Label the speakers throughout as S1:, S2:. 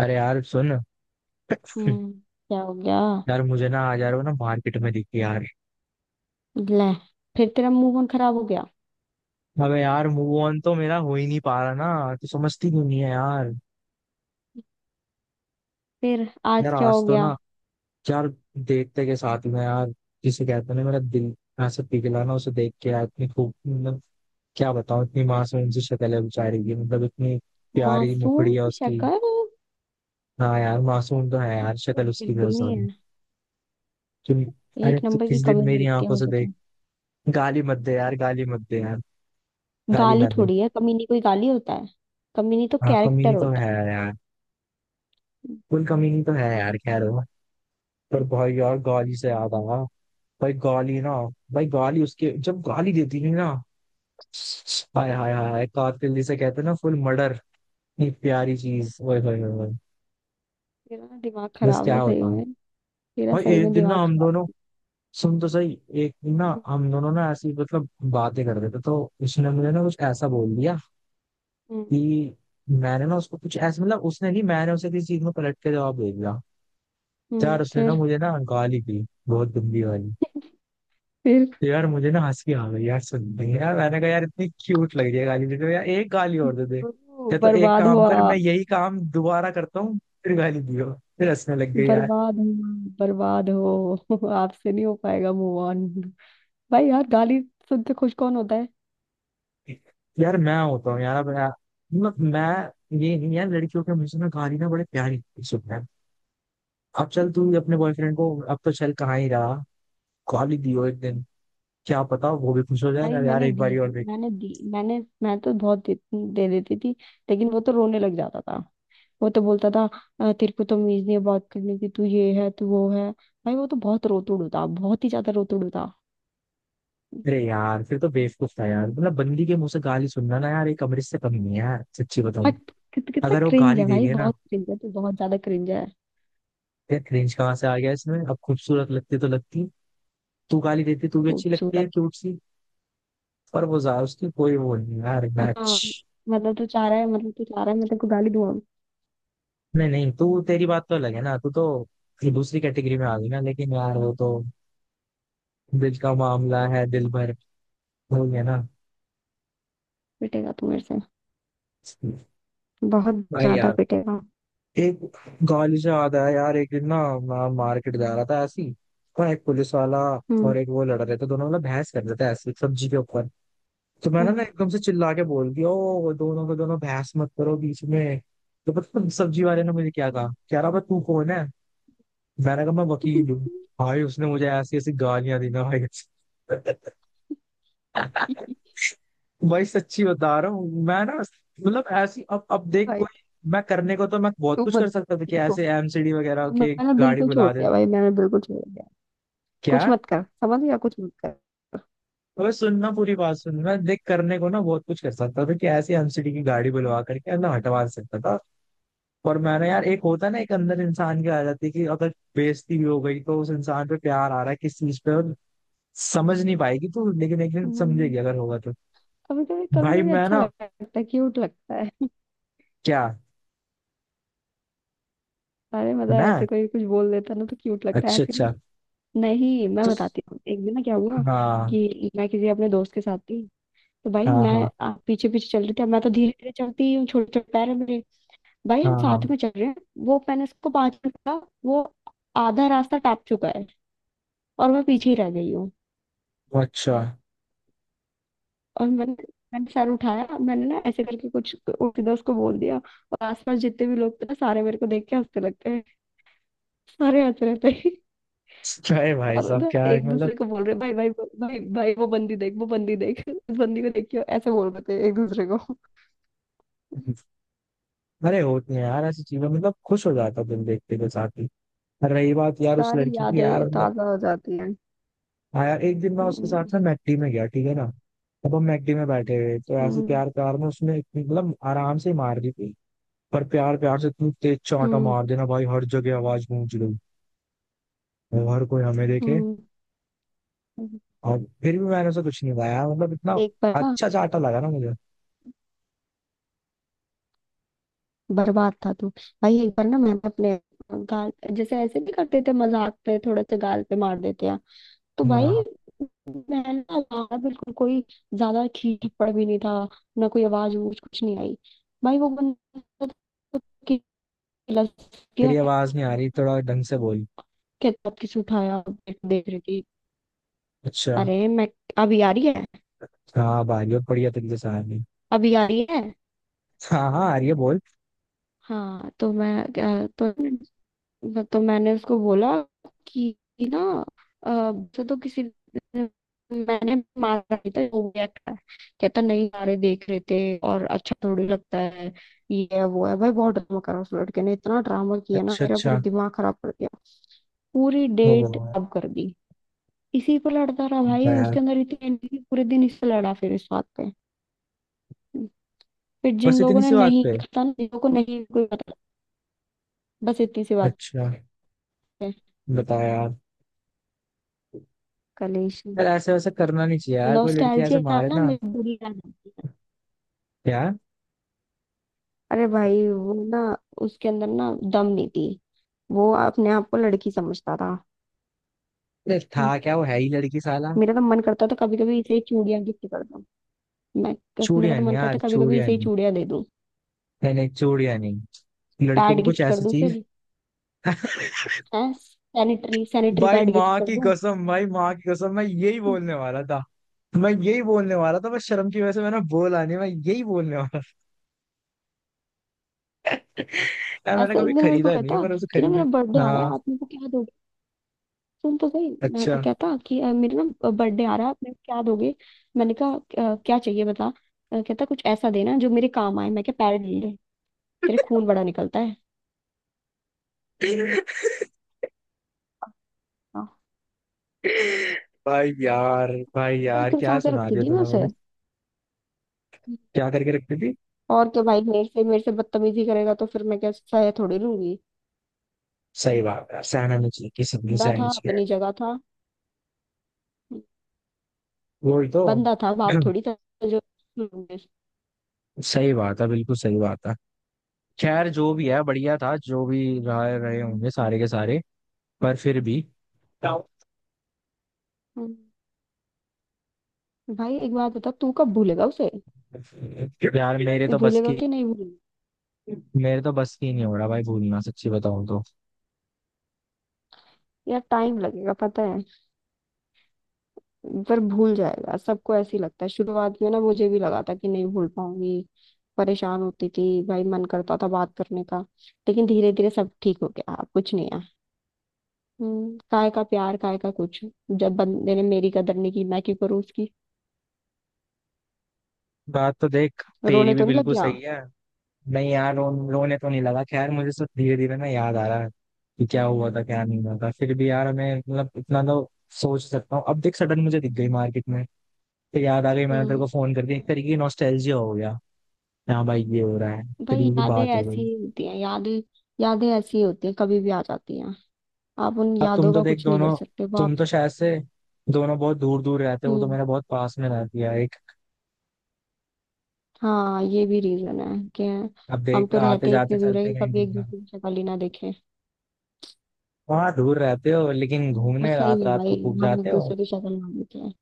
S1: अरे यार सुन।
S2: हम्म। क्या हो गया?
S1: यार मुझे ना आज यार वो ना मार्केट में दिखी यार।
S2: ले, फिर तेरा मुंह कौन खराब हो गया?
S1: अबे यार मूव ऑन तो मेरा हो ही नहीं पा रहा ना, तो समझती क्यों नहीं है यार।
S2: फिर आज
S1: यार
S2: क्या हो
S1: आज तो
S2: गया?
S1: ना, यार देखते के साथ में यार, जिसे कहते हैं ना मेरा दिल ऐसे पिघला ना उसे देख के यार, इतनी खूब, मतलब क्या बताऊं, इतनी मासूम सी शक्ल है बेचारी की, मतलब इतनी प्यारी
S2: मासूम
S1: मुखड़ी है
S2: सी
S1: उसकी।
S2: शक्ल?
S1: हाँ यार मासूम तो है यार, शक्ल उसकी
S2: बिल्कुल
S1: बहुत
S2: नहीं
S1: सारी।
S2: है।
S1: तुम। अरे
S2: एक
S1: तू
S2: नंबर की
S1: किस दिन
S2: कमी
S1: मेरी
S2: मिलती है
S1: आंखों से
S2: मुझे
S1: देख।
S2: तो।
S1: गाली मत दे यार, गाली मत दे यार, गाली
S2: गाली
S1: ना दे।
S2: थोड़ी है, कमी। नहीं, कोई गाली होता है? कमी नहीं तो
S1: हाँ
S2: कैरेक्टर
S1: कमी तो
S2: होता
S1: है
S2: है।
S1: यार, उन कमी तो है यार, खैर वो। पर भाई यार गाली से याद आया। भाई गाली ना, भाई गाली उसके जब गाली देती थी ना, हाय हाय हाय हाय, कातिल जिसे कहते हैं ना, फुल मर्डर। इतनी प्यारी चीज, ओए होए होए होए।
S2: तेरा ना दिमाग
S1: बस
S2: खराब
S1: क्या
S2: है सही
S1: होता।
S2: में। तेरा
S1: भाई
S2: सही
S1: एक
S2: में
S1: दिन ना
S2: दिमाग
S1: हम दोनों,
S2: खराब।
S1: सुन तो सही, एक दिन ना
S2: हम्म।
S1: हम दोनों ना ऐसी मतलब बातें कर रहे थे तो उसने मुझे ना कुछ ऐसा बोल दिया
S2: हम्म।
S1: कि, मैंने ना उसको कुछ ऐसा, मतलब उसने नहीं, मैंने उसे किसी चीज में पलट के जवाब दे दिया। यार उसने ना
S2: फिर?
S1: मुझे ना गाली दी, बहुत गंदी वाली।
S2: फिर?
S1: तो यार मुझे ना हंसी आ गई यार सुन के। यार मैंने कहा यार इतनी क्यूट लग रही है गाली देते हुए, यार एक गाली और दे दे,
S2: ओ,
S1: या तो एक
S2: बर्बाद
S1: काम कर,
S2: हुआ।
S1: मैं यही काम दोबारा करता हूँ, फिर गाली दियो। फिर हंसने लग गई यार।
S2: बर्बाद हुआ। बर्बाद हो आपसे नहीं हो पाएगा मूव ऑन। भाई यार गाली सुनते खुश कौन होता है?
S1: यार मैं होता हूँ यार, अब यार मतलब मैं ये नहीं यार, लड़कियों के मुझसे ना गाली ना बड़े प्यारी सुनते हैं। अब चल तू अपने बॉयफ्रेंड को, अब तो चल कहाँ ही रहा, गाली दियो एक दिन, क्या पता वो भी खुश हो
S2: भाई
S1: जाए यार,
S2: मैंने
S1: एक
S2: दी
S1: बारी
S2: है।
S1: और।
S2: मैंने दी मैंने मैं तो बहुत दे देती थी। लेकिन वो तो रोने लग जाता था। वो तो बोलता था, "अ, तेरे को तमीज नहीं है बात करने की, तू ये है तू वो है।" भाई वो तो बहुत रोतुड़ था, बहुत ही ज्यादा रोतुड़ था।
S1: अरे यार फिर तो बेवकूफ था यार, मतलब बंदी के मुंह से गाली सुनना ना यार एक अमृत से कम नहीं है यार, सच्ची
S2: हाँ।
S1: बताऊं।
S2: कितना
S1: अगर वो
S2: क्रिंज
S1: गाली
S2: है
S1: दे
S2: भाई,
S1: रही है ना,
S2: बहुत क्रिंज है तो, बहुत ज्यादा क्रिंज है।
S1: यार क्रिंज कहाँ से आ गया इसमें, अब खूबसूरत लगती तो लगती। तू गाली देती तू भी अच्छी लगती है
S2: खूबसूरत।
S1: क्यूट सी। पर वो जा, उसकी कोई वो नहीं यार, मैच।
S2: हाँ, मतलब तू चाह रहा है, मैं तेरे को गाली दूंगा।
S1: नहीं नहीं, तू तेरी बात तो अलग है ना, तू तो फिर दूसरी कैटेगरी में आ गई ना, लेकिन यार वो तो दिल का मामला है, दिल भर हो गया ना।
S2: पिटेगा तू मेरे से, बहुत
S1: भाई
S2: ज्यादा
S1: यार
S2: पिटेगा।
S1: एक गाली से याद आया यार, एक दिन ना मैं मार्केट जा रहा था ऐसी, और एक पुलिस वाला और
S2: हम्म।
S1: एक वो लड़ रहे थे दोनों, मतलब बहस कर रहे थे ऐसी सब्जी के ऊपर। तो मैंने ना
S2: हम्म।
S1: एकदम से चिल्ला के बोल दिया, ओ दोनों को, दोनों बहस मत करो बीच में। तो पता है सब्जी वाले ने मुझे क्या कहा, कह रहा भाई तू कौन है। मैंने कहा मैं वकील हूँ। भाई उसने मुझे ऐसी ऐसी गालियां दी ना भाई। भाई सच्ची बता रहा हूँ मैं ना, मतलब ऐसी, अब देख
S2: भाई
S1: कोई, मैं करने को तो मैं बहुत
S2: तू
S1: कुछ
S2: मत।
S1: कर सकता था कि
S2: देखो,
S1: ऐसे एमसीडी वगैरह
S2: अब
S1: के,
S2: मैंने
S1: गाड़ी
S2: बिल्कुल छोड़
S1: बुला दे।
S2: दिया, भाई मैंने बिल्कुल छोड़ दिया।
S1: क्या।
S2: कुछ मत कर, समझ गया? कुछ मत कर।
S1: अबे सुनना, पूरी बात सुन, मैं देख करने को ना बहुत कुछ कर सकता था कि ऐसे एमसीडी की गाड़ी बुलवा करके अंदर हटवा सकता था। और मैंने यार, एक होता है ना, एक अंदर इंसान की आ जाती है कि अगर बेइज्जती भी हो गई तो उस इंसान पे प्यार आ रहा है किस चीज पे, और समझ नहीं पाएगी तो, लेकिन एक दिन
S2: हम्म,
S1: समझेगी अगर होगा तो।
S2: कभी कभी कभी
S1: भाई
S2: कभी
S1: मैं
S2: अच्छा
S1: ना,
S2: लगता है, क्यूट लगता है।
S1: क्या,
S2: अरे मतलब
S1: मैं,
S2: ऐसे कोई कुछ बोल देता ना तो क्यूट लगता है,
S1: अच्छा
S2: ऐसे
S1: अच्छा,
S2: नहीं। नहीं, मैं
S1: तो
S2: बताती हूँ, एक दिन ना क्या हुआ
S1: हाँ
S2: कि मैं किसी अपने दोस्त के साथ थी। तो भाई
S1: हाँ
S2: मैं
S1: हाँ
S2: पीछे पीछे चल रही थी। अब मैं तो धीरे धीरे चलती ही हूँ, छोटे छोटे पैर है मेरे। भाई
S1: हाँ
S2: हम साथ
S1: हाँ,
S2: में चल रहे हैं। वो मैंने उसको 5 मिनट का, वो आधा रास्ता टाप चुका है और मैं पीछे ही रह गई।
S1: अच्छा।
S2: और मैंने मैंने चार उठाया, मैंने ना ऐसे करके कुछ सीधा उसको बोल दिया, और आसपास जितने भी लोग थे ना, सारे मेरे को देख के हंसने लगते हैं। सारे हंस रहे थे।
S1: क्या है भाई
S2: और
S1: साहब,
S2: ना
S1: क्या है
S2: एक
S1: मतलब।
S2: दूसरे को बोल रहे, भाई भाई भाई भाई, वो बंदी देख इस बंदी को देखियो, ऐसे बोल रहे थे एक दूसरे को।
S1: अरे होती है यार ऐसी चीजें, मतलब खुश हो जाता है दिन देखते के साथ ही। और रही बात यार उस
S2: सारी
S1: लड़की की
S2: यादें
S1: यार, मतलब,
S2: ताजा हो जाती हैं।
S1: हाँ यार, एक दिन मैं उसके
S2: हम्म।
S1: साथ ना मैकडी में गया, ठीक है ना। अब हम मैकडी में बैठे हुए तो ऐसे
S2: हम्म।
S1: प्यार प्यार में उसने इतनी- मतलब आराम से ही मार दी थी। पर प्यार प्यार से इतनी तेज चांटा
S2: हम्म।
S1: मार देना भाई, हर जगह आवाज गूंज गई। और हर कोई हमें देखे।
S2: हम्म, हम्म।
S1: और फिर भी मैंने उसे कुछ नहीं पाया, मतलब इतना
S2: एक बार ना
S1: अच्छा चांटा लगा ना मुझे।
S2: बर्बाद था तू। भाई एक बार ना मैंने अपने गाल, जैसे ऐसे भी करते थे मजाक पे, थोड़ा सा गाल पे मार देते हैं, तो भाई
S1: हाँ।
S2: मैं ना ज्यादा बिल्कुल कोई ज्यादा खींच थप्पड़ भी नहीं था। ना कोई आवाज वूज कुछ नहीं आई। भाई वो बंदा तो किला किया।
S1: तेरी आवाज नहीं आ रही, थोड़ा ढंग से बोल।
S2: कहता, आप किसे उठाया देख देख रही थी?
S1: अच्छा।
S2: अरे मैं अभी आ रही है।
S1: हाँ भाई बहुत बढ़िया तरीके से आ गई।
S2: अभी आ रही है।
S1: हाँ हाँ, आ रही है बोल।
S2: हाँ तो मैं मैंने उसको बोला कि कि ना अ, से तो किसी मैंने मारा नहीं था, वो रिएक्ट है। कहता, नहीं सारे देख रहे थे और अच्छा थोड़ी लगता है, ये है वो है। भाई बहुत ड्रामा करा उस लड़के ने, इतना ड्रामा किया ना
S1: अच्छा
S2: मेरा पूरा
S1: अच्छा।
S2: दिमाग खराब कर दिया, पूरी
S1: ओ,
S2: डेट खराब कर दी। इसी पर लड़ता रहा
S1: बता
S2: भाई,
S1: यार।
S2: उसके अंदर इतनी एनर्जी, पूरे दिन इससे लड़ा फिर इस बात पे। फिर जिन
S1: बस
S2: लोगों
S1: इतनी
S2: ने
S1: सी बात
S2: नहीं
S1: पे।
S2: देखा था ना, जिन लोगों को नहीं कोई पता। बस इतनी सी बात
S1: अच्छा।
S2: है।
S1: बता यार।
S2: कलेश।
S1: यार ऐसे वैसे करना नहीं चाहिए यार, कोई लड़की ऐसे
S2: नॉस्टैल्जिया, ना
S1: मारे
S2: ना
S1: ना।
S2: मिड।
S1: यार,
S2: अरे भाई वो ना, उसके अंदर ना दम नहीं थी, वो अपने आप को लड़की समझता था।
S1: अरे था
S2: हम्म,
S1: क्या, वो है ही लड़की साला।
S2: मेरा तो मन करता था कभी कभी इसे ही चूड़ियां गिफ्ट कर दूं। मैं, मेरा
S1: चूड़िया
S2: तो
S1: नहीं
S2: मन
S1: यार,
S2: करता कभी कभी
S1: चूड़िया
S2: इसे ही
S1: नहीं।
S2: चूड़ियां दे दूं।
S1: नहीं नहीं चूड़िया नहीं, लड़कियों
S2: पैड
S1: को कुछ
S2: गिफ्ट कर
S1: ऐसी
S2: दूं
S1: चीज।
S2: फिर। हैं, सैनिटरी सैनिटरी
S1: भाई
S2: पैड गिफ्ट
S1: माँ
S2: कर
S1: की
S2: दूं।
S1: कसम, भाई माँ की कसम, मैं यही
S2: हम्म,
S1: बोलने वाला था। मैं यही बोलने वाला था, बस शर्म की वजह से मैंने बोला नहीं, मैं यही बोलने वाला था। यार मैंने
S2: ऐसे
S1: कभी
S2: एक दिन मेरे को
S1: खरीदा नहीं है,
S2: कहता
S1: पर उसे
S2: कि ना
S1: खरीदे।
S2: मेरा बर्थडे आ रहा
S1: हाँ।
S2: है, आप मेरे को क्या दोगे। सुन तो सही, मैं
S1: अच्छा।
S2: कहता कि मेरे ना बर्थडे आ रहा है, मैं क्या दोगे। मैंने कहा, क्या चाहिए बता।" कहता, कुछ ऐसा देना जो मेरे काम आए। मैं क्या पैरेट ले ले? तेरे खून बड़ा निकलता है। हाँ।
S1: भाई यार, भाई
S2: तो
S1: यार, क्या
S2: खिलसा के
S1: सुना
S2: रखती
S1: दिया
S2: थी मैं
S1: तूने
S2: उसे।
S1: मुझे। क्या करके रखती थी।
S2: और क्या भाई, मेरे से बदतमीजी करेगा तो फिर मैं क्या सह थोड़ी लूंगी।
S1: सही बात है, सहना नहीं चाहिए किसी भी,
S2: बंदा
S1: सहना
S2: था
S1: चाहिए।
S2: अपनी जगह था।
S1: वही तो।
S2: बंदा था, बाप थोड़ी था। जो।
S1: सही बात है, बिल्कुल सही बात है। खैर जो भी है बढ़िया था, जो भी रहा रहे होंगे सारे के सारे। पर फिर भी,
S2: हम्म। भाई एक बात बता, तू कब भूलेगा उसे?
S1: यार मेरे
S2: तू
S1: तो बस
S2: भूलेगा
S1: की,
S2: कि नहीं भूलेगा?
S1: मेरे तो बस की नहीं हो रहा भाई भूलना, सच्ची बताऊं तो।
S2: यार टाइम लगेगा पता है, पर भूल जाएगा। सबको ऐसे ही लगता है शुरुआत में, ना मुझे भी लगा था कि नहीं भूल पाऊंगी। परेशान होती थी भाई, मन करता था बात करने का। लेकिन धीरे धीरे सब ठीक हो गया, अब कुछ नहीं है। काय का प्यार काय का कुछ। जब बंदे ने मेरी कदर नहीं की, मैं क्यों करूँ उसकी।
S1: बात तो देख तेरी
S2: रोने
S1: भी
S2: तो नहीं लग
S1: बिल्कुल
S2: गया?
S1: सही है। नहीं यार, रोने तो नहीं लगा, खैर मुझे सब धीरे धीरे ना याद आ रहा है कि क्या हुआ था क्या नहीं हुआ था, फिर भी यार मैं मतलब इतना तो सोच सकता हूँ। अब देख सडन मुझे दिख गई मार्केट में, फिर याद आ गई, मैंने तेरे
S2: हम्म।
S1: को फोन कर दिया, एक तरीके की नॉस्टैल्जिया हो गया। हाँ भाई, ये हो रहा है, एक
S2: भाई
S1: तरीके की
S2: यादें
S1: बात हो
S2: ऐसी
S1: गई।
S2: ही होती हैं। यादें, यादें ऐसी ही होती हैं, कभी भी आ जाती हैं। आप उन
S1: अब तुम
S2: यादों
S1: तो
S2: का
S1: देख
S2: कुछ नहीं कर
S1: दोनों,
S2: सकते, वो आप।
S1: तुम तो शायद से दोनों बहुत दूर दूर रहते हो तो
S2: हम्म।
S1: मेरा बहुत पास में रहती है एक।
S2: हाँ, ये भी रीजन है कि
S1: अब
S2: हम
S1: देख
S2: तो
S1: आते
S2: रहते
S1: जाते
S2: इतने दूर है
S1: चलते
S2: कि
S1: कहीं
S2: कभी
S1: बीच
S2: एक
S1: में,
S2: दूसरे की शक्ल ही ना देखें।
S1: वहां दूर रहते हो लेकिन
S2: बस
S1: घूमने
S2: सही
S1: रात
S2: है
S1: रात
S2: भाई,
S1: को खूब
S2: हम एक
S1: जाते हो।
S2: दूसरे की शक्ल मान लेते हैं।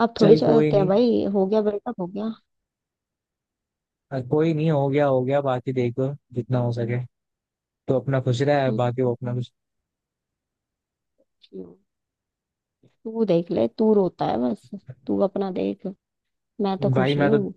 S2: अब थोड़ी
S1: चल कोई
S2: चाहते हैं
S1: नहीं।
S2: भाई, हो गया ब्रेकअप हो गया।
S1: कोई नहीं, हो गया हो गया, बाकी देखो जितना हो सके तो अपना खुश रहा है,
S2: हम्म,
S1: बाकी वो अपना खुश।
S2: क्यों? तू देख ले, तू रोता है बस। तू अपना देख, मैं तो
S1: भाई
S2: खुश ही हूँ।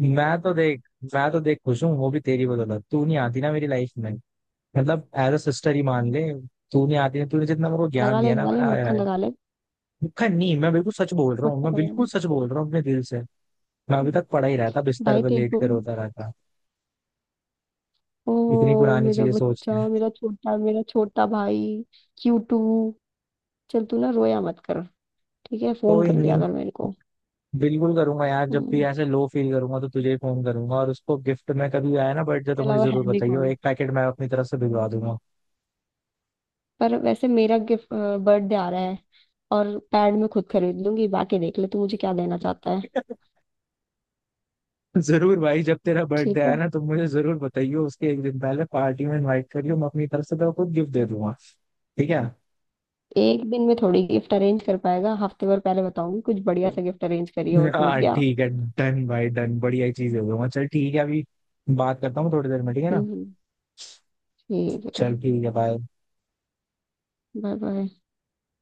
S1: मैं तो देख मैं तो देख खुश हूँ, वो भी तेरी बदौलत, तू नहीं आती ना मेरी लाइफ में, मतलब एज अ सिस्टर ही मान ले। तू नहीं आती ना, तूने जितना मेरे को ज्ञान दिया ना,
S2: लगा ले
S1: मैंने आया है।
S2: मक्खन लगा ले।
S1: मुखर नहीं, मैं बिल्कुल सच बोल रहा हूँ,
S2: मक्खन
S1: मैं
S2: लगा
S1: बिल्कुल
S2: ले।
S1: सच बोल रहा हूँ अपने दिल से। मैं अभी तक पढ़ा ही रहता, बिस्तर
S2: भाई
S1: पर
S2: तेरे
S1: लेट
S2: को,
S1: कर रोता रहता।
S2: ओ
S1: इतनी पुरानी
S2: मेरा
S1: चीजें
S2: बच्चा,
S1: सोचते हैं।
S2: मेरा छोटा भाई, क्यूटू। चल, तू ना रोया मत कर, ठीक है। फोन
S1: कोई
S2: कर लिया
S1: नहीं,
S2: कर मेरे को।
S1: बिल्कुल करूंगा यार, जब भी
S2: हम्म,
S1: ऐसे लो फील करूंगा तो तुझे फोन करूंगा, और उसको गिफ्ट में कभी आया ना बर्थडे
S2: इसके
S1: तो मुझे
S2: अलावा
S1: जरूर
S2: है भी
S1: बताइयो,
S2: कौन।
S1: एक पैकेट मैं अपनी तरफ से भिजवा दूंगा।
S2: पर वैसे, मेरा गिफ्ट, बर्थडे आ रहा है, और पैड मैं खुद खरीद लूंगी, बाकी देख ले तू मुझे क्या देना चाहता है।
S1: जरूर भाई, जब तेरा बर्थडे
S2: ठीक
S1: आया
S2: है।
S1: ना तो मुझे जरूर बताइयो, उसके एक दिन पहले पार्टी में इनवाइट करियो, मैं अपनी तरफ से तो खुद गिफ्ट दे दूंगा। ठीक है।
S2: एक दिन में थोड़ी गिफ्ट अरेंज कर पाएगा, हफ्ते भर पहले बताऊंगी, कुछ बढ़िया सा गिफ्ट अरेंज करिए, वो समझ
S1: हाँ
S2: गया?
S1: ठीक है। डन भाई डन, बढ़िया ही चीज दे दूंगा, चल ठीक है, अभी बात करता हूँ थोड़ी देर में, ठीक है ना।
S2: हम्म, ठीक है।
S1: चल ठीक है बाय।
S2: Bye bye.